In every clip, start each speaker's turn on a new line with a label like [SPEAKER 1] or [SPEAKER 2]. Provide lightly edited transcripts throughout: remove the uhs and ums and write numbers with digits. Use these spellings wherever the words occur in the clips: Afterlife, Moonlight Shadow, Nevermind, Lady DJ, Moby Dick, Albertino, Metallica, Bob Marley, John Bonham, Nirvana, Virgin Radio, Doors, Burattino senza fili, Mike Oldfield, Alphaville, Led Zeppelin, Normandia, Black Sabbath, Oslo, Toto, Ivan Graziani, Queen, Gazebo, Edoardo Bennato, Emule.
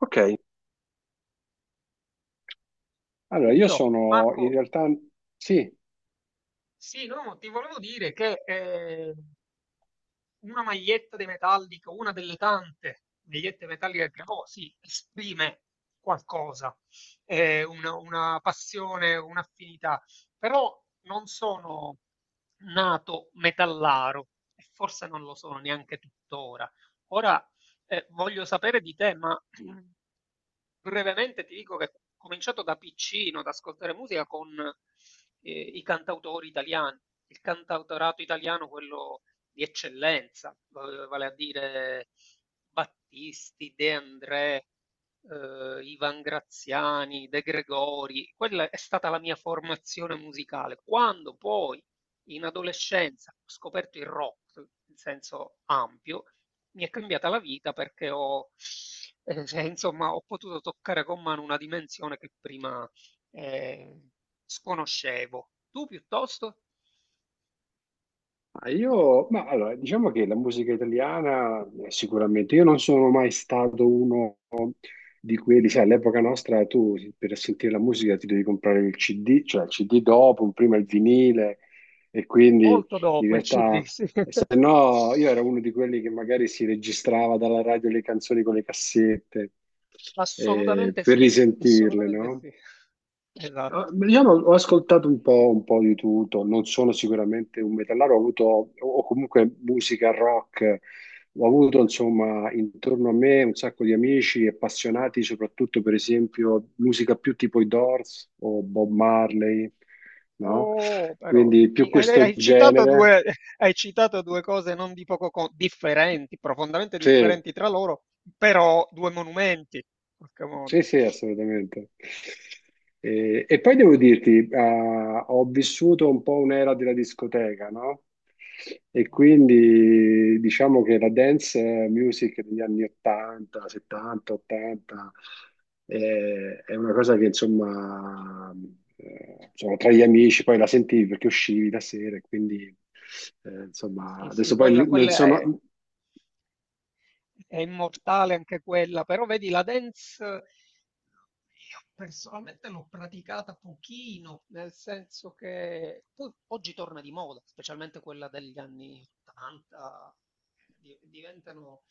[SPEAKER 1] Ok. Allora, io
[SPEAKER 2] Perciò,
[SPEAKER 1] sono in
[SPEAKER 2] Marco,
[SPEAKER 1] realtà sì,
[SPEAKER 2] sì, no, ti volevo dire che una maglietta di Metallica, una delle tante magliette metalliche che provò, sì, esprime qualcosa, una passione, un'affinità, però non sono nato metallaro e forse non lo sono neanche tuttora. Ora voglio sapere di te, ma brevemente ti dico che ho cominciato da piccino ad ascoltare musica con i cantautori italiani, il cantautorato italiano, quello di eccellenza, vale a dire Battisti, De André, Ivan Graziani, De Gregori. Quella è stata la mia formazione musicale. Quando poi in adolescenza ho scoperto il rock in senso ampio, mi è cambiata la vita perché cioè, insomma, ho potuto toccare con mano una dimensione che prima eh, sconoscevo. Tu piuttosto?
[SPEAKER 1] ma io, ma allora, diciamo che la musica italiana, sicuramente, io non sono mai stato uno di quelli, sai, all'epoca nostra tu per sentire la musica ti devi comprare il CD, cioè il CD dopo, prima il vinile e quindi
[SPEAKER 2] Molto
[SPEAKER 1] in
[SPEAKER 2] dopo il CD,
[SPEAKER 1] realtà
[SPEAKER 2] sì.
[SPEAKER 1] se no io ero uno di quelli che magari si registrava dalla radio le canzoni con le cassette,
[SPEAKER 2] Assolutamente
[SPEAKER 1] per
[SPEAKER 2] sì,
[SPEAKER 1] risentirle,
[SPEAKER 2] assolutamente
[SPEAKER 1] no?
[SPEAKER 2] sì. Esatto.
[SPEAKER 1] Io ho ascoltato un po' di tutto, non sono sicuramente un metallaro, ho avuto, o comunque musica rock, ho avuto insomma intorno a me un sacco di amici appassionati, soprattutto per esempio musica più tipo i Doors o Bob Marley, no?
[SPEAKER 2] Oh, però,
[SPEAKER 1] Quindi più
[SPEAKER 2] hai,
[SPEAKER 1] questo
[SPEAKER 2] hai citato
[SPEAKER 1] genere,
[SPEAKER 2] due, hai citato due cose non di poco differenti, profondamente
[SPEAKER 1] sì.
[SPEAKER 2] differenti tra loro, però due monumenti, in qualche modo.
[SPEAKER 1] Sì, sì, assolutamente. E, poi devo dirti, ho vissuto un po' un'era della discoteca, no? E quindi diciamo che la dance music degli anni 80, 70, 80 è una cosa che insomma, insomma, tra gli amici poi la sentivi perché uscivi la sera, e quindi
[SPEAKER 2] Sì,
[SPEAKER 1] insomma
[SPEAKER 2] sì,
[SPEAKER 1] adesso poi non
[SPEAKER 2] quella
[SPEAKER 1] sono...
[SPEAKER 2] è immortale anche quella, però vedi la dance, io personalmente l'ho praticata pochino, nel senso che poi oggi torna di moda, specialmente quella degli anni 80, di- diventano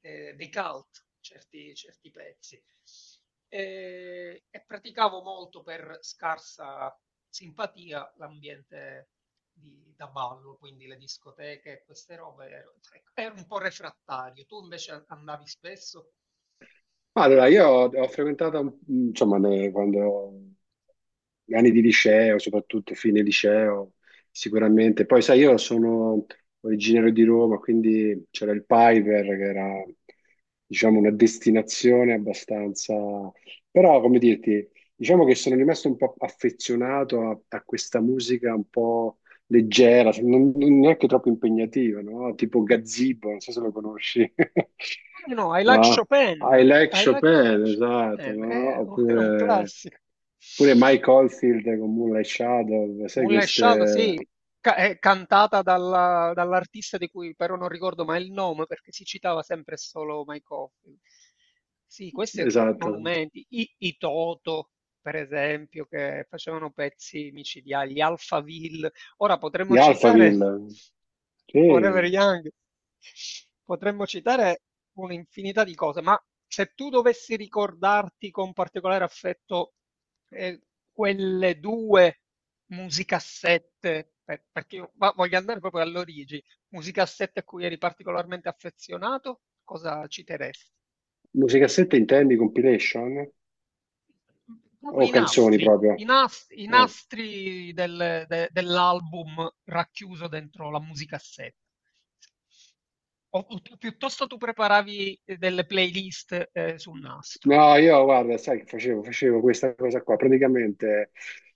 [SPEAKER 2] dei cult, certi, certi pezzi. E praticavo molto per scarsa simpatia l'ambiente da ballo, quindi le discoteche e queste robe, ero, ecco, ero un po' refrattario. Tu invece andavi spesso?
[SPEAKER 1] Ma allora, io ho, frequentato, insomma, quando gli anni di liceo, soprattutto fine liceo, sicuramente. Poi, sai, io sono originario di Roma, quindi c'era il Piper, che era, diciamo, una
[SPEAKER 2] Oh.
[SPEAKER 1] destinazione abbastanza... Però, come dirti, diciamo che sono rimasto un po' affezionato a, questa musica un po' leggera, cioè, non, non neanche troppo impegnativa, no? Tipo Gazebo, non so se lo conosci.
[SPEAKER 2] No, no, I like
[SPEAKER 1] No? I
[SPEAKER 2] Chopin.
[SPEAKER 1] like
[SPEAKER 2] I like
[SPEAKER 1] Chopin, esatto,
[SPEAKER 2] Chopin, è
[SPEAKER 1] no?
[SPEAKER 2] un
[SPEAKER 1] Oppure,
[SPEAKER 2] classico.
[SPEAKER 1] oppure Mike Oldfield con Moonlight Shadow, sai
[SPEAKER 2] Moonlight Shadow, sì,
[SPEAKER 1] queste,
[SPEAKER 2] è cantata dall'artista di cui però non ricordo mai il nome perché si citava sempre solo Mike Oldfield. Sì, questi
[SPEAKER 1] esatto,
[SPEAKER 2] monumenti, i Toto, per esempio, che facevano pezzi micidiali, gli Alphaville. Ora
[SPEAKER 1] di
[SPEAKER 2] potremmo citare
[SPEAKER 1] Alphaville,
[SPEAKER 2] Forever
[SPEAKER 1] sì.
[SPEAKER 2] Young, potremmo citare un'infinità di cose, ma se tu dovessi ricordarti con particolare affetto eh, quelle due musicassette, perché io voglio andare proprio all'origine, musicassette a cui eri particolarmente affezionato, cosa citeresti?
[SPEAKER 1] Musicassette intendi compilation
[SPEAKER 2] Proprio
[SPEAKER 1] o
[SPEAKER 2] i
[SPEAKER 1] canzoni
[SPEAKER 2] nastri,
[SPEAKER 1] proprio?
[SPEAKER 2] i
[SPEAKER 1] Eh.
[SPEAKER 2] nastri dell'album racchiuso dentro la musicassetta. O, piuttosto tu preparavi delle playlist sul nastro.
[SPEAKER 1] No, io guarda, sai che facevo? Facevo questa cosa qua, praticamente,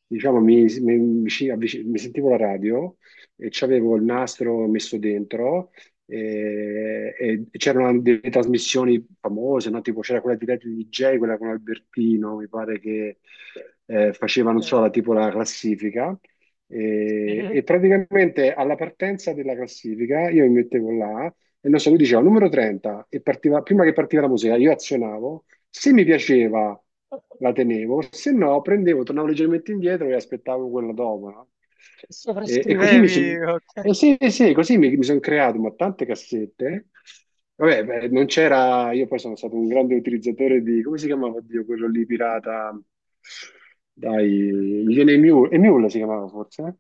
[SPEAKER 1] diciamo, mi sentivo la radio e c'avevo il nastro messo dentro e, c'erano delle trasmissioni famose, no? Tipo c'era quella di Lady DJ, quella con Albertino, mi pare che faceva, non so,
[SPEAKER 2] Eh,
[SPEAKER 1] tipo la classifica. E,
[SPEAKER 2] sì.
[SPEAKER 1] praticamente alla partenza della classifica io mi mettevo là e non so, lui diceva numero 30 e partiva, prima che partiva la musica io azionavo, se mi piaceva la tenevo, se no prendevo, tornavo leggermente indietro e aspettavo quella dopo, no? E, così mi
[SPEAKER 2] Sovrascrivevi,
[SPEAKER 1] sono
[SPEAKER 2] ok.
[SPEAKER 1] eh sì, sì, così mi sono creato, ma tante cassette. Vabbè, beh, non c'era, io poi sono stato un grande utilizzatore di, come si chiamava, oddio, quello lì pirata, dai,
[SPEAKER 2] Mm.
[SPEAKER 1] mi viene Emule, Emule si chiamava forse, eh?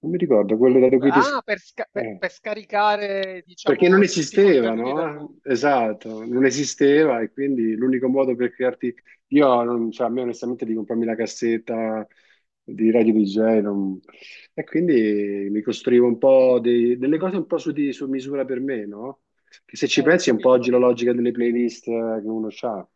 [SPEAKER 1] Non mi ricordo, quello da
[SPEAKER 2] Mule,
[SPEAKER 1] cui ti...
[SPEAKER 2] ah, per,
[SPEAKER 1] eh.
[SPEAKER 2] per scaricare,
[SPEAKER 1] Perché non
[SPEAKER 2] diciamo, tutti i
[SPEAKER 1] esisteva,
[SPEAKER 2] contenuti del
[SPEAKER 1] no?
[SPEAKER 2] mondo. Mm.
[SPEAKER 1] Esatto, non esisteva e quindi l'unico modo per crearti... Io, non, cioè, a me onestamente di comprarmi la cassetta di Radio DJ non- e quindi mi costruivo un po' delle cose un po' su, su misura per me, no? Che se ci
[SPEAKER 2] Ho
[SPEAKER 1] pensi è un po'
[SPEAKER 2] capito, ho
[SPEAKER 1] oggi la
[SPEAKER 2] capito.
[SPEAKER 1] logica delle playlist, che uno ha.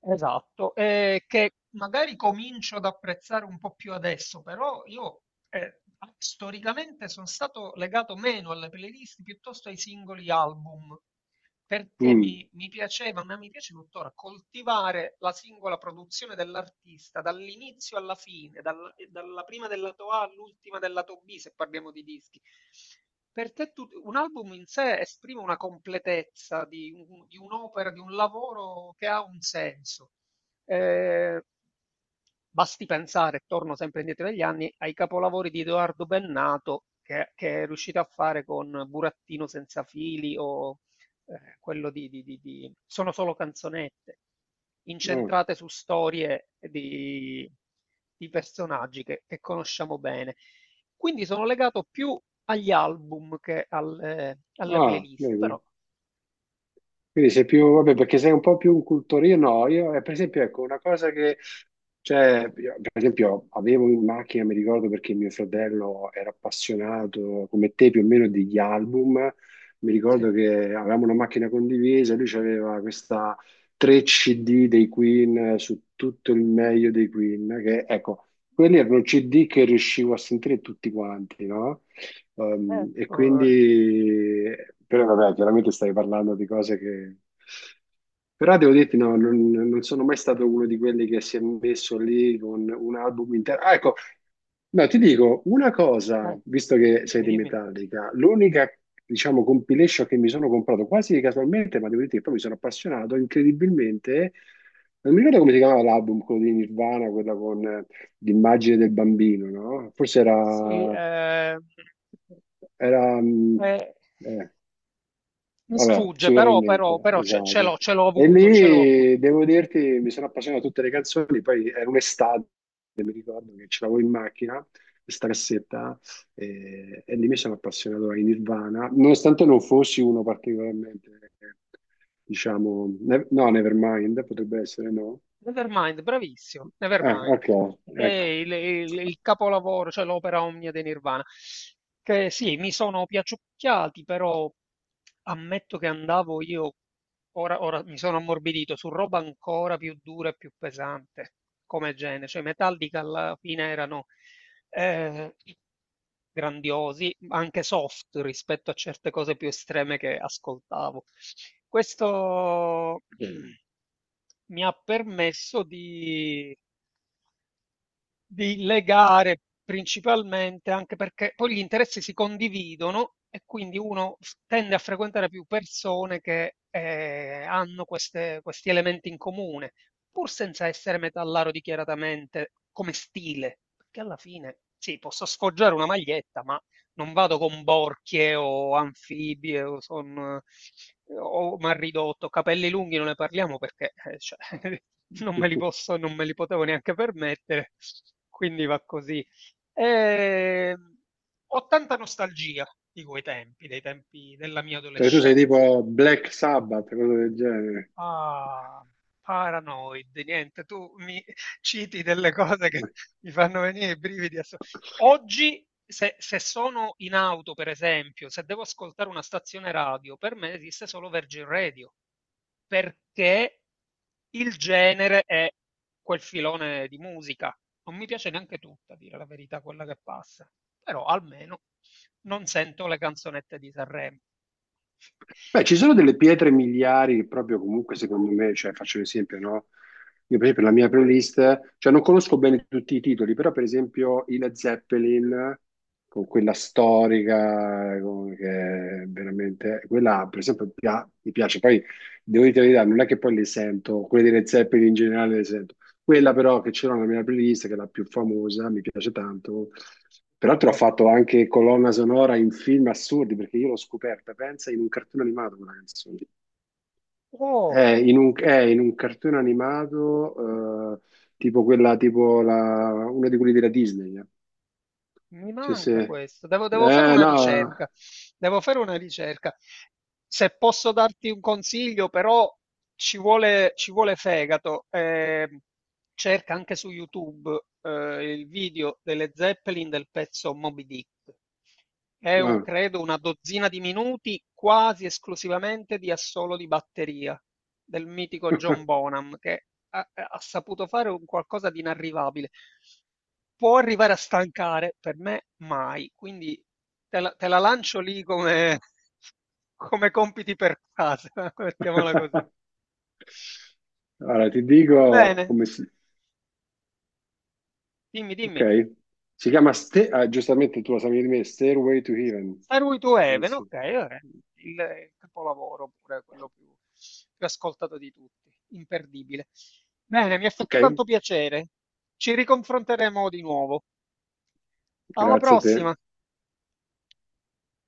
[SPEAKER 2] Esatto, che magari comincio ad apprezzare un po' più adesso, però io eh, storicamente sono stato legato meno alle playlist piuttosto ai singoli album perché
[SPEAKER 1] Mm.
[SPEAKER 2] mi piaceva, ma mi piace tuttora, coltivare la singola produzione dell'artista dall'inizio alla fine, dalla prima del lato A all'ultima del lato B, se parliamo di dischi. Per te un album in sé esprime una completezza di, di un'opera, di un lavoro che ha un senso. Eh, basti pensare, torno sempre indietro negli anni, ai capolavori di Edoardo Bennato che è riuscito a fare con Burattino senza fili o quello sono solo canzonette
[SPEAKER 1] Ah,
[SPEAKER 2] incentrate su storie di personaggi che conosciamo bene. Quindi sono legato più agli album che alle, alle
[SPEAKER 1] ah,
[SPEAKER 2] playlist,
[SPEAKER 1] vedi?
[SPEAKER 2] però
[SPEAKER 1] Quindi sei più, vabbè, perché sei un po' più un cultorino, no, io, per esempio, ecco, una cosa che, cioè, io, per esempio, avevo in macchina, mi ricordo perché mio fratello era appassionato, come te più o meno, degli album, mi
[SPEAKER 2] sì.
[SPEAKER 1] ricordo che avevamo una macchina condivisa, lui aveva questa 3 CD dei Queen, su tutto il meglio dei Queen, che, ecco, quelli erano CD che riuscivo a sentire tutti quanti, no?
[SPEAKER 2] Eh.
[SPEAKER 1] E quindi, però vabbè, chiaramente stai parlando di cose che... Però devo dirti, no, non, non sono mai stato uno di quelli che si è messo lì con un album intero. Ah, ecco, no, ti dico una
[SPEAKER 2] Eh,
[SPEAKER 1] cosa,
[SPEAKER 2] eh,
[SPEAKER 1] visto che sei
[SPEAKER 2] dimmi,
[SPEAKER 1] di
[SPEAKER 2] dimmi.
[SPEAKER 1] Metallica, l'unica, diciamo, compilation che mi sono comprato quasi casualmente, ma devo dirti che poi mi sono appassionato incredibilmente, non mi ricordo come si chiamava l'album, quello di Nirvana, quella con l'immagine del bambino, no? Forse
[SPEAKER 2] Sì,
[SPEAKER 1] era... Era,
[SPEAKER 2] eh,
[SPEAKER 1] eh,
[SPEAKER 2] mi
[SPEAKER 1] vabbè,
[SPEAKER 2] sfugge,
[SPEAKER 1] ci verrà in
[SPEAKER 2] però, però,
[SPEAKER 1] mente,
[SPEAKER 2] però ce,
[SPEAKER 1] esatto.
[SPEAKER 2] ce l'ho
[SPEAKER 1] E
[SPEAKER 2] avuto, ce l'ho avuto.
[SPEAKER 1] lì, devo dirti, mi sono appassionato a tutte le canzoni, poi era un'estate, ricordo che ce l'avevo in macchina, questa cassetta, e, lì mi sono appassionato ai Nirvana, nonostante non fossi uno particolarmente, eh, diciamo, no, Nevermind, potrebbe essere, no?
[SPEAKER 2] Nevermind, bravissimo,
[SPEAKER 1] Ah,
[SPEAKER 2] Nevermind.
[SPEAKER 1] ok,
[SPEAKER 2] È
[SPEAKER 1] ecco.
[SPEAKER 2] il, il capolavoro, cioè l'opera omnia dei Nirvana. Che sì, mi sono piaciucchiati, però ammetto che andavo io, ora mi sono ammorbidito, su roba ancora più dura e più pesante come genere. Cioè, i Metallica alla fine erano eh, grandiosi, ma anche soft rispetto a certe cose più estreme che ascoltavo. Questo mi ha permesso di legare principalmente, anche perché poi gli interessi si condividono e quindi uno f- tende a frequentare più persone che hanno questi elementi in comune, pur senza essere metallaro dichiaratamente come stile, perché alla fine sì, posso sfoggiare una maglietta, ma non vado con borchie o anfibie o, son, o mal ridotto, capelli lunghi non ne parliamo perché cioè, non me li posso, non me li potevo neanche permettere, quindi va così. E, ho tanta nostalgia di quei tempi, dei tempi della mia
[SPEAKER 1] Cioè tu sei
[SPEAKER 2] adolescenza.
[SPEAKER 1] tipo Black Sabbath, cosa del genere.
[SPEAKER 2] Ah, Paranoid, niente, tu mi citi delle cose che mi fanno venire i brividi. Asso- Oggi, se, se sono in auto, per esempio, se devo ascoltare una stazione radio, per me esiste solo Virgin Radio, perché il genere è quel filone di musica. Non mi piace neanche tutta, a dire la verità, quella che passa, però almeno non sento le canzonette di Sanremo.
[SPEAKER 1] Beh, ci sono delle pietre miliari, proprio comunque secondo me, cioè faccio un esempio, no? Io per esempio la mia playlist, cioè non conosco bene tutti i titoli, però per esempio i Led Zeppelin, con quella storica, che è veramente, quella per esempio mi piace, poi devo dire la verità, non è che poi le sento, quelle dei Led Zeppelin in generale le sento, quella però che c'era nella mia playlist, che è la più famosa, mi piace tanto. Peraltro ha
[SPEAKER 2] Eh.
[SPEAKER 1] fatto anche colonna sonora in film assurdi, perché io l'ho scoperta, pensa, in un cartone animato quella canzone.
[SPEAKER 2] Oh.
[SPEAKER 1] È in un cartone animato, tipo quella, tipo la, uno di quelli della Disney. Eh.
[SPEAKER 2] Mi
[SPEAKER 1] Sì, sì.
[SPEAKER 2] manca questo, devo, devo fare una
[SPEAKER 1] No.
[SPEAKER 2] ricerca, devo fare una ricerca. Se posso darti un consiglio, però ci vuole fegato. Cerca anche su YouTube il video delle Zeppelin del pezzo Moby Dick. È
[SPEAKER 1] Eh.
[SPEAKER 2] credo una dozzina di minuti quasi esclusivamente di assolo di batteria del mitico John Bonham, che ha, ha saputo fare un qualcosa di inarrivabile. Può arrivare a stancare, per me mai. Quindi te la lancio lì come come compiti per casa, mettiamola così.
[SPEAKER 1] Allora, ti
[SPEAKER 2] Va
[SPEAKER 1] dico
[SPEAKER 2] bene,
[SPEAKER 1] come si...
[SPEAKER 2] dimmi,
[SPEAKER 1] Ok.
[SPEAKER 2] dimmi.
[SPEAKER 1] Si chiama, ah, giustamente tu la sapevi di me, Stairway to Heaven.
[SPEAKER 2] Stairway to Heaven,
[SPEAKER 1] Penso.
[SPEAKER 2] ok, vabbè. Il, capolavoro pure, quello più, più ascoltato di tutti, imperdibile. Bene, mi ha
[SPEAKER 1] Ok,
[SPEAKER 2] fatto tanto piacere. Ci riconfronteremo di nuovo. Alla
[SPEAKER 1] grazie a te.
[SPEAKER 2] prossima!